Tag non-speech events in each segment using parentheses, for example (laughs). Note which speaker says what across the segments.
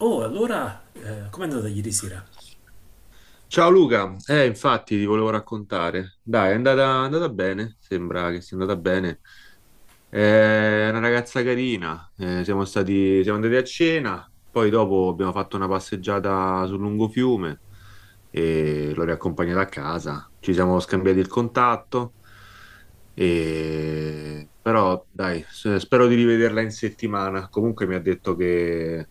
Speaker 1: Oh, allora, com'è andata ieri sera?
Speaker 2: Ciao Luca, infatti ti volevo raccontare. Dai, è andata bene, sembra che sia andata bene. È una ragazza carina, siamo andati a cena, poi dopo abbiamo fatto una passeggiata sul lungofiume e l'ho riaccompagnata a casa. Ci siamo scambiati il contatto, però dai, spero di rivederla in settimana. Comunque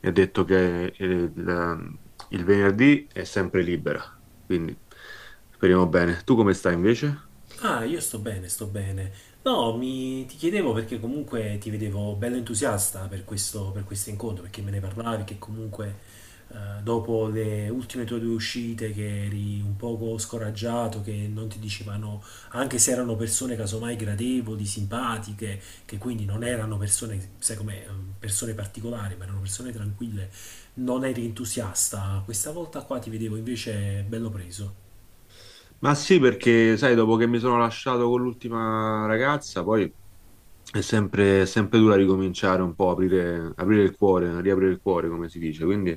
Speaker 2: mi ha detto che il venerdì è sempre libera, quindi speriamo bene. Tu come stai invece?
Speaker 1: Ah, io sto bene, sto bene. No, ti chiedevo perché comunque ti vedevo bello entusiasta per questo incontro, perché me ne parlavi che comunque dopo le ultime tue due uscite che eri un poco scoraggiato, che non ti dicevano, anche se erano persone casomai gradevoli, simpatiche, che quindi non erano persone, sai com'è, persone particolari, ma erano persone tranquille, non eri entusiasta. Questa volta qua ti vedevo invece bello preso.
Speaker 2: Ma sì, perché sai, dopo che mi sono lasciato con l'ultima ragazza, poi è sempre dura ricominciare un po', aprire il cuore, riaprire il cuore, come si dice. Quindi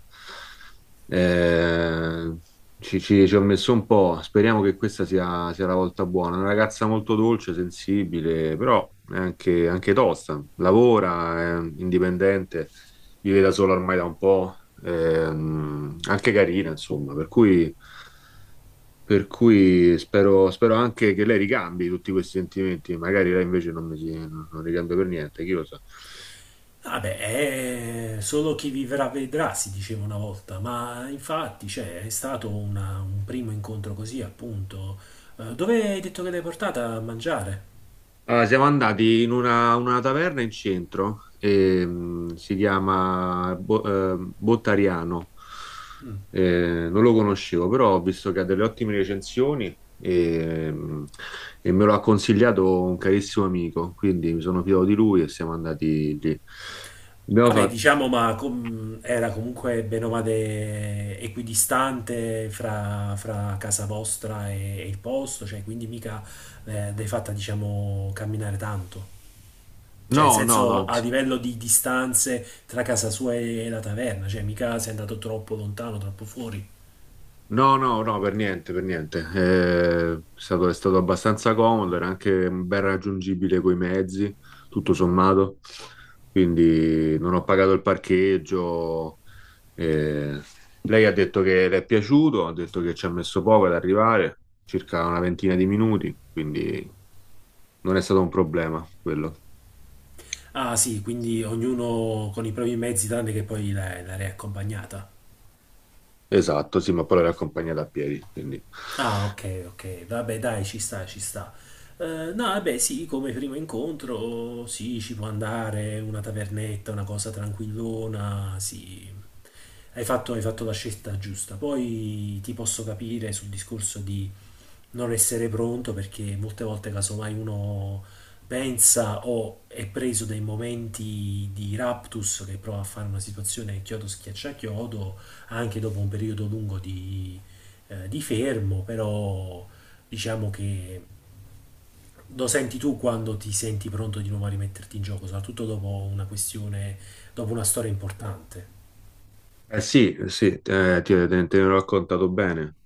Speaker 2: eh, ci ho messo un po'. Speriamo che sia la volta buona. Una ragazza molto dolce, sensibile, però è anche tosta. Lavora, è indipendente, vive da sola ormai da un po', anche carina, insomma, per cui. Per cui spero anche che lei ricambi tutti questi sentimenti, magari lei invece non, mi si- non ricambia per niente, chi lo sa.
Speaker 1: Vabbè, è solo chi vivrà vedrà, si diceva una volta, ma infatti, cioè, un primo incontro così, appunto. Dove hai detto che l'hai portata a mangiare?
Speaker 2: Allora, siamo andati in una taverna in centro, si chiama Bottariano.
Speaker 1: Mm.
Speaker 2: Non lo conoscevo, però ho visto che ha delle ottime recensioni, e me lo ha consigliato un carissimo amico, quindi mi sono fidato di lui e siamo andati lì. Abbiamo
Speaker 1: Vabbè,
Speaker 2: fatto...
Speaker 1: diciamo, era comunque bene o male equidistante fra casa vostra e il posto, cioè, quindi mica l'hai fatta, diciamo, camminare tanto. Cioè, in
Speaker 2: No, no,
Speaker 1: senso
Speaker 2: no.
Speaker 1: a livello di distanze tra casa sua e la taverna, cioè mica sei andato troppo lontano, troppo fuori.
Speaker 2: No, no, no, per niente, per niente. È stato abbastanza comodo, era anche ben raggiungibile coi mezzi, tutto sommato. Quindi non ho pagato il parcheggio. eh, Lei ha detto che le è piaciuto, ha detto che ci ha messo poco ad arrivare, circa una ventina di minuti, quindi non è stato un problema quello.
Speaker 1: Ah, sì, quindi ognuno con i propri mezzi, tranne che l'area accompagnata.
Speaker 2: Esatto, sì, ma poi l'ho accompagnata a piedi, quindi
Speaker 1: Ah, ok, ok, vabbè, dai, ci sta, ci sta. No, vabbè, sì, come primo incontro, sì, ci può andare, una tavernetta, una cosa tranquillona, sì. Hai fatto la scelta giusta. Poi ti posso capire sul discorso di non essere pronto perché molte volte casomai uno pensa o è preso dai momenti di raptus che prova a fare una situazione chiodo schiaccia chiodo anche dopo un periodo lungo di fermo, però diciamo che lo senti tu quando ti senti pronto di nuovo a rimetterti in gioco, soprattutto dopo una questione, dopo una storia importante.
Speaker 2: eh sì, eh sì, te ne ho raccontato bene.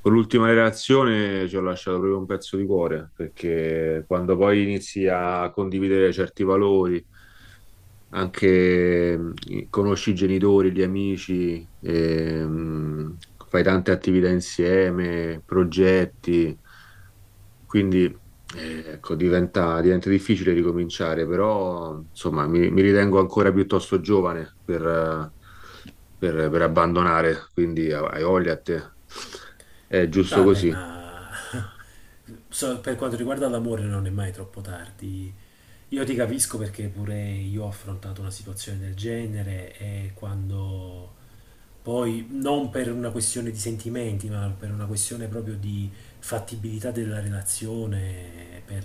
Speaker 2: Con l'ultima relazione ci ho lasciato proprio un pezzo di cuore, perché quando poi inizi a condividere certi valori, anche conosci i genitori, gli amici, e fai tante attività insieme, progetti. Quindi, ecco, diventa difficile ricominciare, però, insomma, mi ritengo ancora piuttosto giovane per, per abbandonare, quindi hai voglia a te. È giusto
Speaker 1: Vabbè,
Speaker 2: così.
Speaker 1: ma (laughs) per quanto riguarda l'amore non è mai troppo tardi. Io ti capisco perché pure io ho affrontato una situazione del genere e quando poi, non per una questione di sentimenti, ma per una questione proprio di fattibilità della relazione, per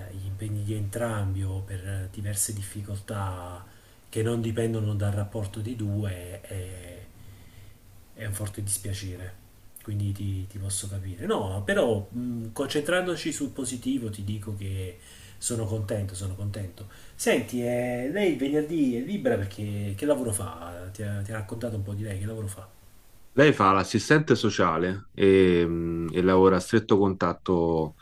Speaker 1: gli impegni di entrambi o per diverse difficoltà che non dipendono dal rapporto di è un forte dispiacere. Quindi ti posso capire. No, però concentrandoci sul positivo ti dico che sono contento, sono contento. Senti, lei venerdì è libera perché che lavoro fa? Ti ha raccontato un po' di lei, che lavoro fa?
Speaker 2: Lei fa l'assistente sociale e lavora a stretto contatto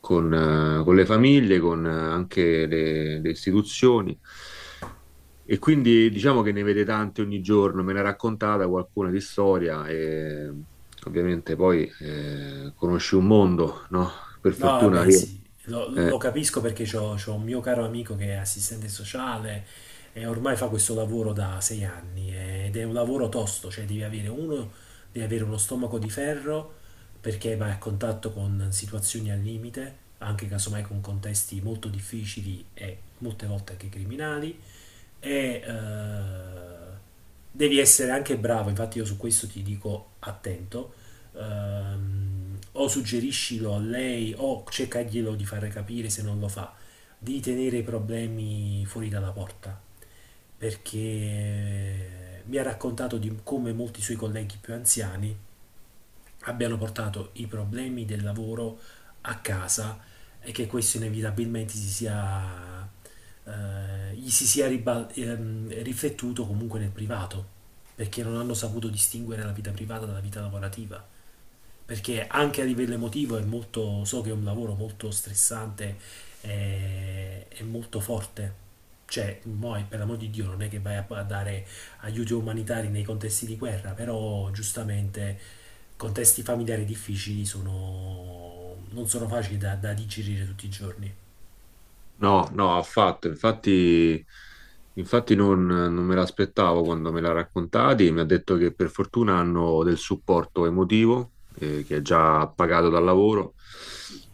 Speaker 2: con le famiglie, con anche le istituzioni. E quindi diciamo che ne vede tante ogni giorno, me ne ha raccontata qualcuna di storia e ovviamente poi conosci un mondo, no? Per
Speaker 1: No,
Speaker 2: fortuna
Speaker 1: vabbè,
Speaker 2: io.
Speaker 1: sì, lo
Speaker 2: eh,
Speaker 1: capisco perché c'ho un mio caro amico che è assistente sociale e ormai fa questo lavoro da sei anni ed è un lavoro tosto, cioè devi avere uno stomaco di ferro perché vai a contatto con situazioni al limite, anche casomai con contesti molto difficili e molte volte anche criminali e devi essere anche bravo, infatti io su questo ti dico attento o suggeriscilo a lei o cercaglielo di fare capire se non lo fa, di tenere i problemi fuori dalla porta, perché mi ha raccontato di come molti suoi colleghi più anziani abbiano portato i problemi del lavoro a casa e che questo inevitabilmente gli si sia riflettuto comunque nel privato, perché non hanno saputo distinguere la vita privata dalla vita lavorativa perché anche a livello emotivo è molto, so che è un lavoro molto stressante e molto forte. Cioè, poi, per l'amor di Dio, non è che vai a dare aiuti umanitari nei contesti di guerra, però giustamente contesti familiari difficili non sono facili da digerire tutti i giorni.
Speaker 2: No, no, affatto. Infatti, infatti non me l'aspettavo quando me l'ha raccontati. Mi ha detto che per fortuna hanno del supporto emotivo, che è già pagato dal lavoro,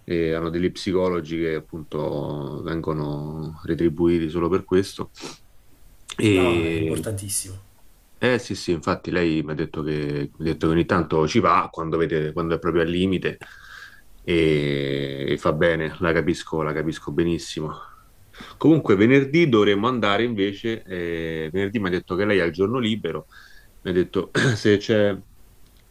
Speaker 2: e hanno degli psicologi che appunto vengono retribuiti solo per questo.
Speaker 1: No, è
Speaker 2: E,
Speaker 1: importantissimo.
Speaker 2: eh sì, sì, infatti lei mi ha detto che ogni tanto ci va quando quando è proprio al limite e fa bene, la capisco benissimo. Comunque venerdì dovremmo andare invece, venerdì mi ha detto che lei ha il giorno libero, mi ha detto (clears throat) se c'è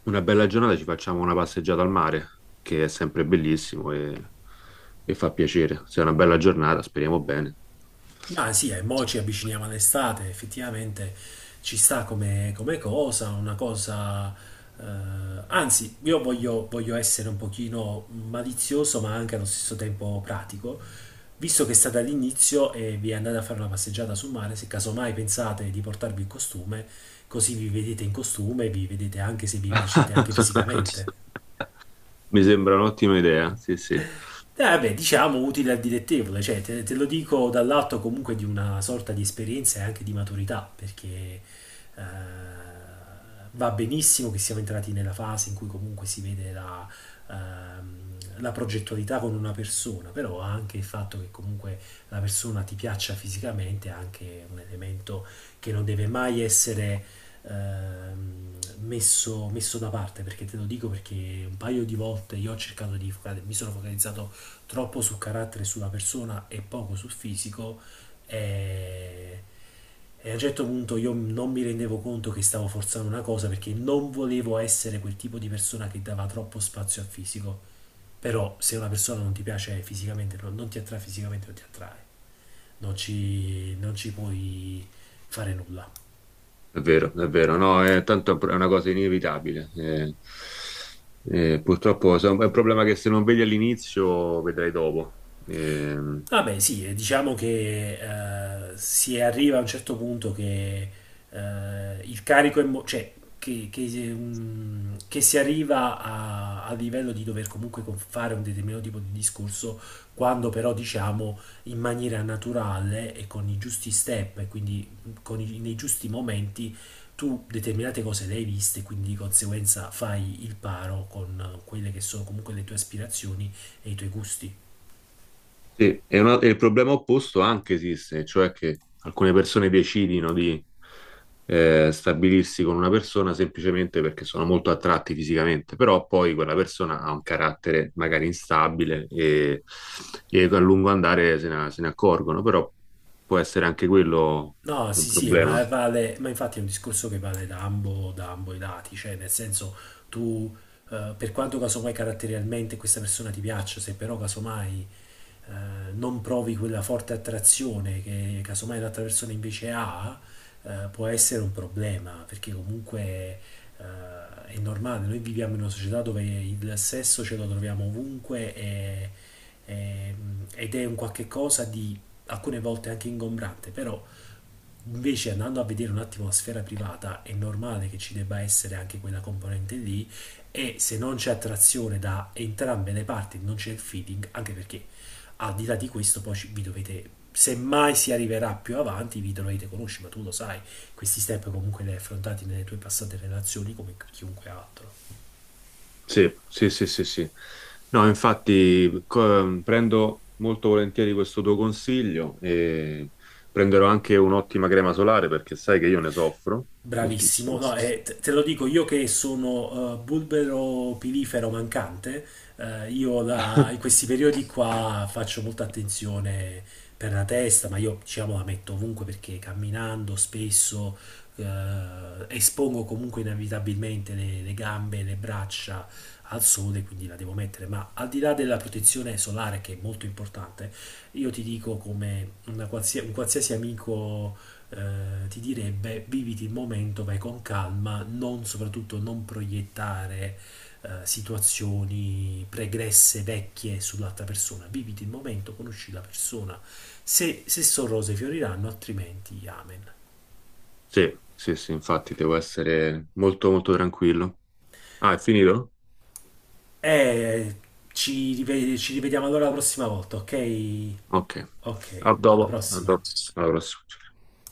Speaker 2: una bella giornata ci facciamo una passeggiata al mare, che è sempre bellissimo e fa piacere. Se è una bella giornata, speriamo bene.
Speaker 1: Ma sì, e mo ci avviciniamo all'estate, effettivamente ci sta come, come cosa, una cosa... anzi, io voglio, voglio essere un pochino malizioso, ma anche allo stesso tempo pratico. Visto che state all'inizio e vi andate a fare una passeggiata sul mare, se casomai pensate di portarvi il costume, così vi vedete in costume e vi vedete anche se vi piacete anche fisicamente.
Speaker 2: (laughs) Mi sembra un'ottima idea, sì, sì,
Speaker 1: Vabbè, diciamo utile al dilettevole, cioè te, te lo dico dall'atto comunque di una sorta di esperienza e anche di maturità, perché eh, va benissimo che siamo entrati nella fase in cui comunque si vede la progettualità con una persona, però anche il fatto che comunque la persona ti piaccia fisicamente è anche un elemento che non deve mai essere ehm, messo, messo da parte, perché te lo dico perché un paio di volte io ho cercato di focalizzare, mi sono focalizzato troppo su carattere e sulla persona e poco sul fisico e, e a un certo punto io non mi rendevo conto che stavo forzando una cosa perché non volevo essere quel tipo di persona che dava troppo spazio al fisico. Però se una persona non ti piace fisicamente, non ti attrae fisicamente, non ti attrae. Non ci puoi fare nulla.
Speaker 2: è vero, no, è, tanto è una cosa inevitabile. Eh. Purtroppo è un problema che se non vedi all'inizio vedrai dopo. Ehm,
Speaker 1: Ah beh, sì, diciamo che si arriva a un certo punto che il cioè che si arriva a livello di dover comunque fare un determinato tipo di discorso, quando però diciamo in maniera naturale e con i giusti step e quindi nei giusti momenti tu determinate cose le hai viste, quindi di conseguenza fai il paro con quelle che sono comunque le tue aspirazioni e i tuoi gusti.
Speaker 2: Sì, e, e il problema opposto anche esiste, cioè che alcune persone decidino di stabilirsi con una persona semplicemente perché sono molto attratti fisicamente, però poi quella persona ha un carattere magari instabile e a lungo andare se ne accorgono, però può essere anche quello
Speaker 1: No,
Speaker 2: un
Speaker 1: sì, sì,
Speaker 2: problema.
Speaker 1: ma vale, ma infatti è un discorso che vale da da ambo i lati, cioè nel senso tu, per quanto casomai caratterialmente questa persona ti piaccia, se però casomai non provi quella forte attrazione che casomai l'altra persona invece ha, può essere un problema, perché comunque è normale, noi viviamo in una società dove il sesso ce lo troviamo ovunque e- ed è un qualche cosa di alcune volte anche ingombrante, però invece andando a vedere un attimo la sfera privata è normale che ci debba essere anche quella componente lì e se non c'è attrazione da entrambe le parti, non c'è il feeding, anche perché al di là di questo vi dovete, se mai si arriverà più avanti, vi dovete conoscere, ma tu lo sai, questi step comunque li hai affrontati nelle tue passate relazioni come chiunque altro.
Speaker 2: Sì, sì, sì, sì, sì. No, infatti prendo molto volentieri questo tuo consiglio e prenderò anche un'ottima crema solare perché sai che io ne soffro
Speaker 1: Bravissimo,
Speaker 2: moltissimo.
Speaker 1: no, te lo dico io che sono bulbero pilifero mancante, in questi periodi qua faccio molta attenzione per la testa, ma io diciamo la metto ovunque perché camminando spesso eh, espongo comunque inevitabilmente le gambe, le braccia al sole, quindi la devo mettere, ma al di là della protezione solare che è molto importante, io ti dico come una un qualsiasi amico ti direbbe viviti il momento, vai con calma, non soprattutto non proiettare situazioni pregresse, vecchie sull'altra persona, viviti il momento, conosci la persona, se sono rose fioriranno, altrimenti amen.
Speaker 2: Sì, sì, sì, infatti devo essere molto tranquillo. Ah, è finito?
Speaker 1: E ci rivediamo allora la prossima volta, ok?
Speaker 2: Ok.
Speaker 1: Ok,
Speaker 2: A
Speaker 1: alla
Speaker 2: dopo. A
Speaker 1: prossima.
Speaker 2: dopo. Alla prossima.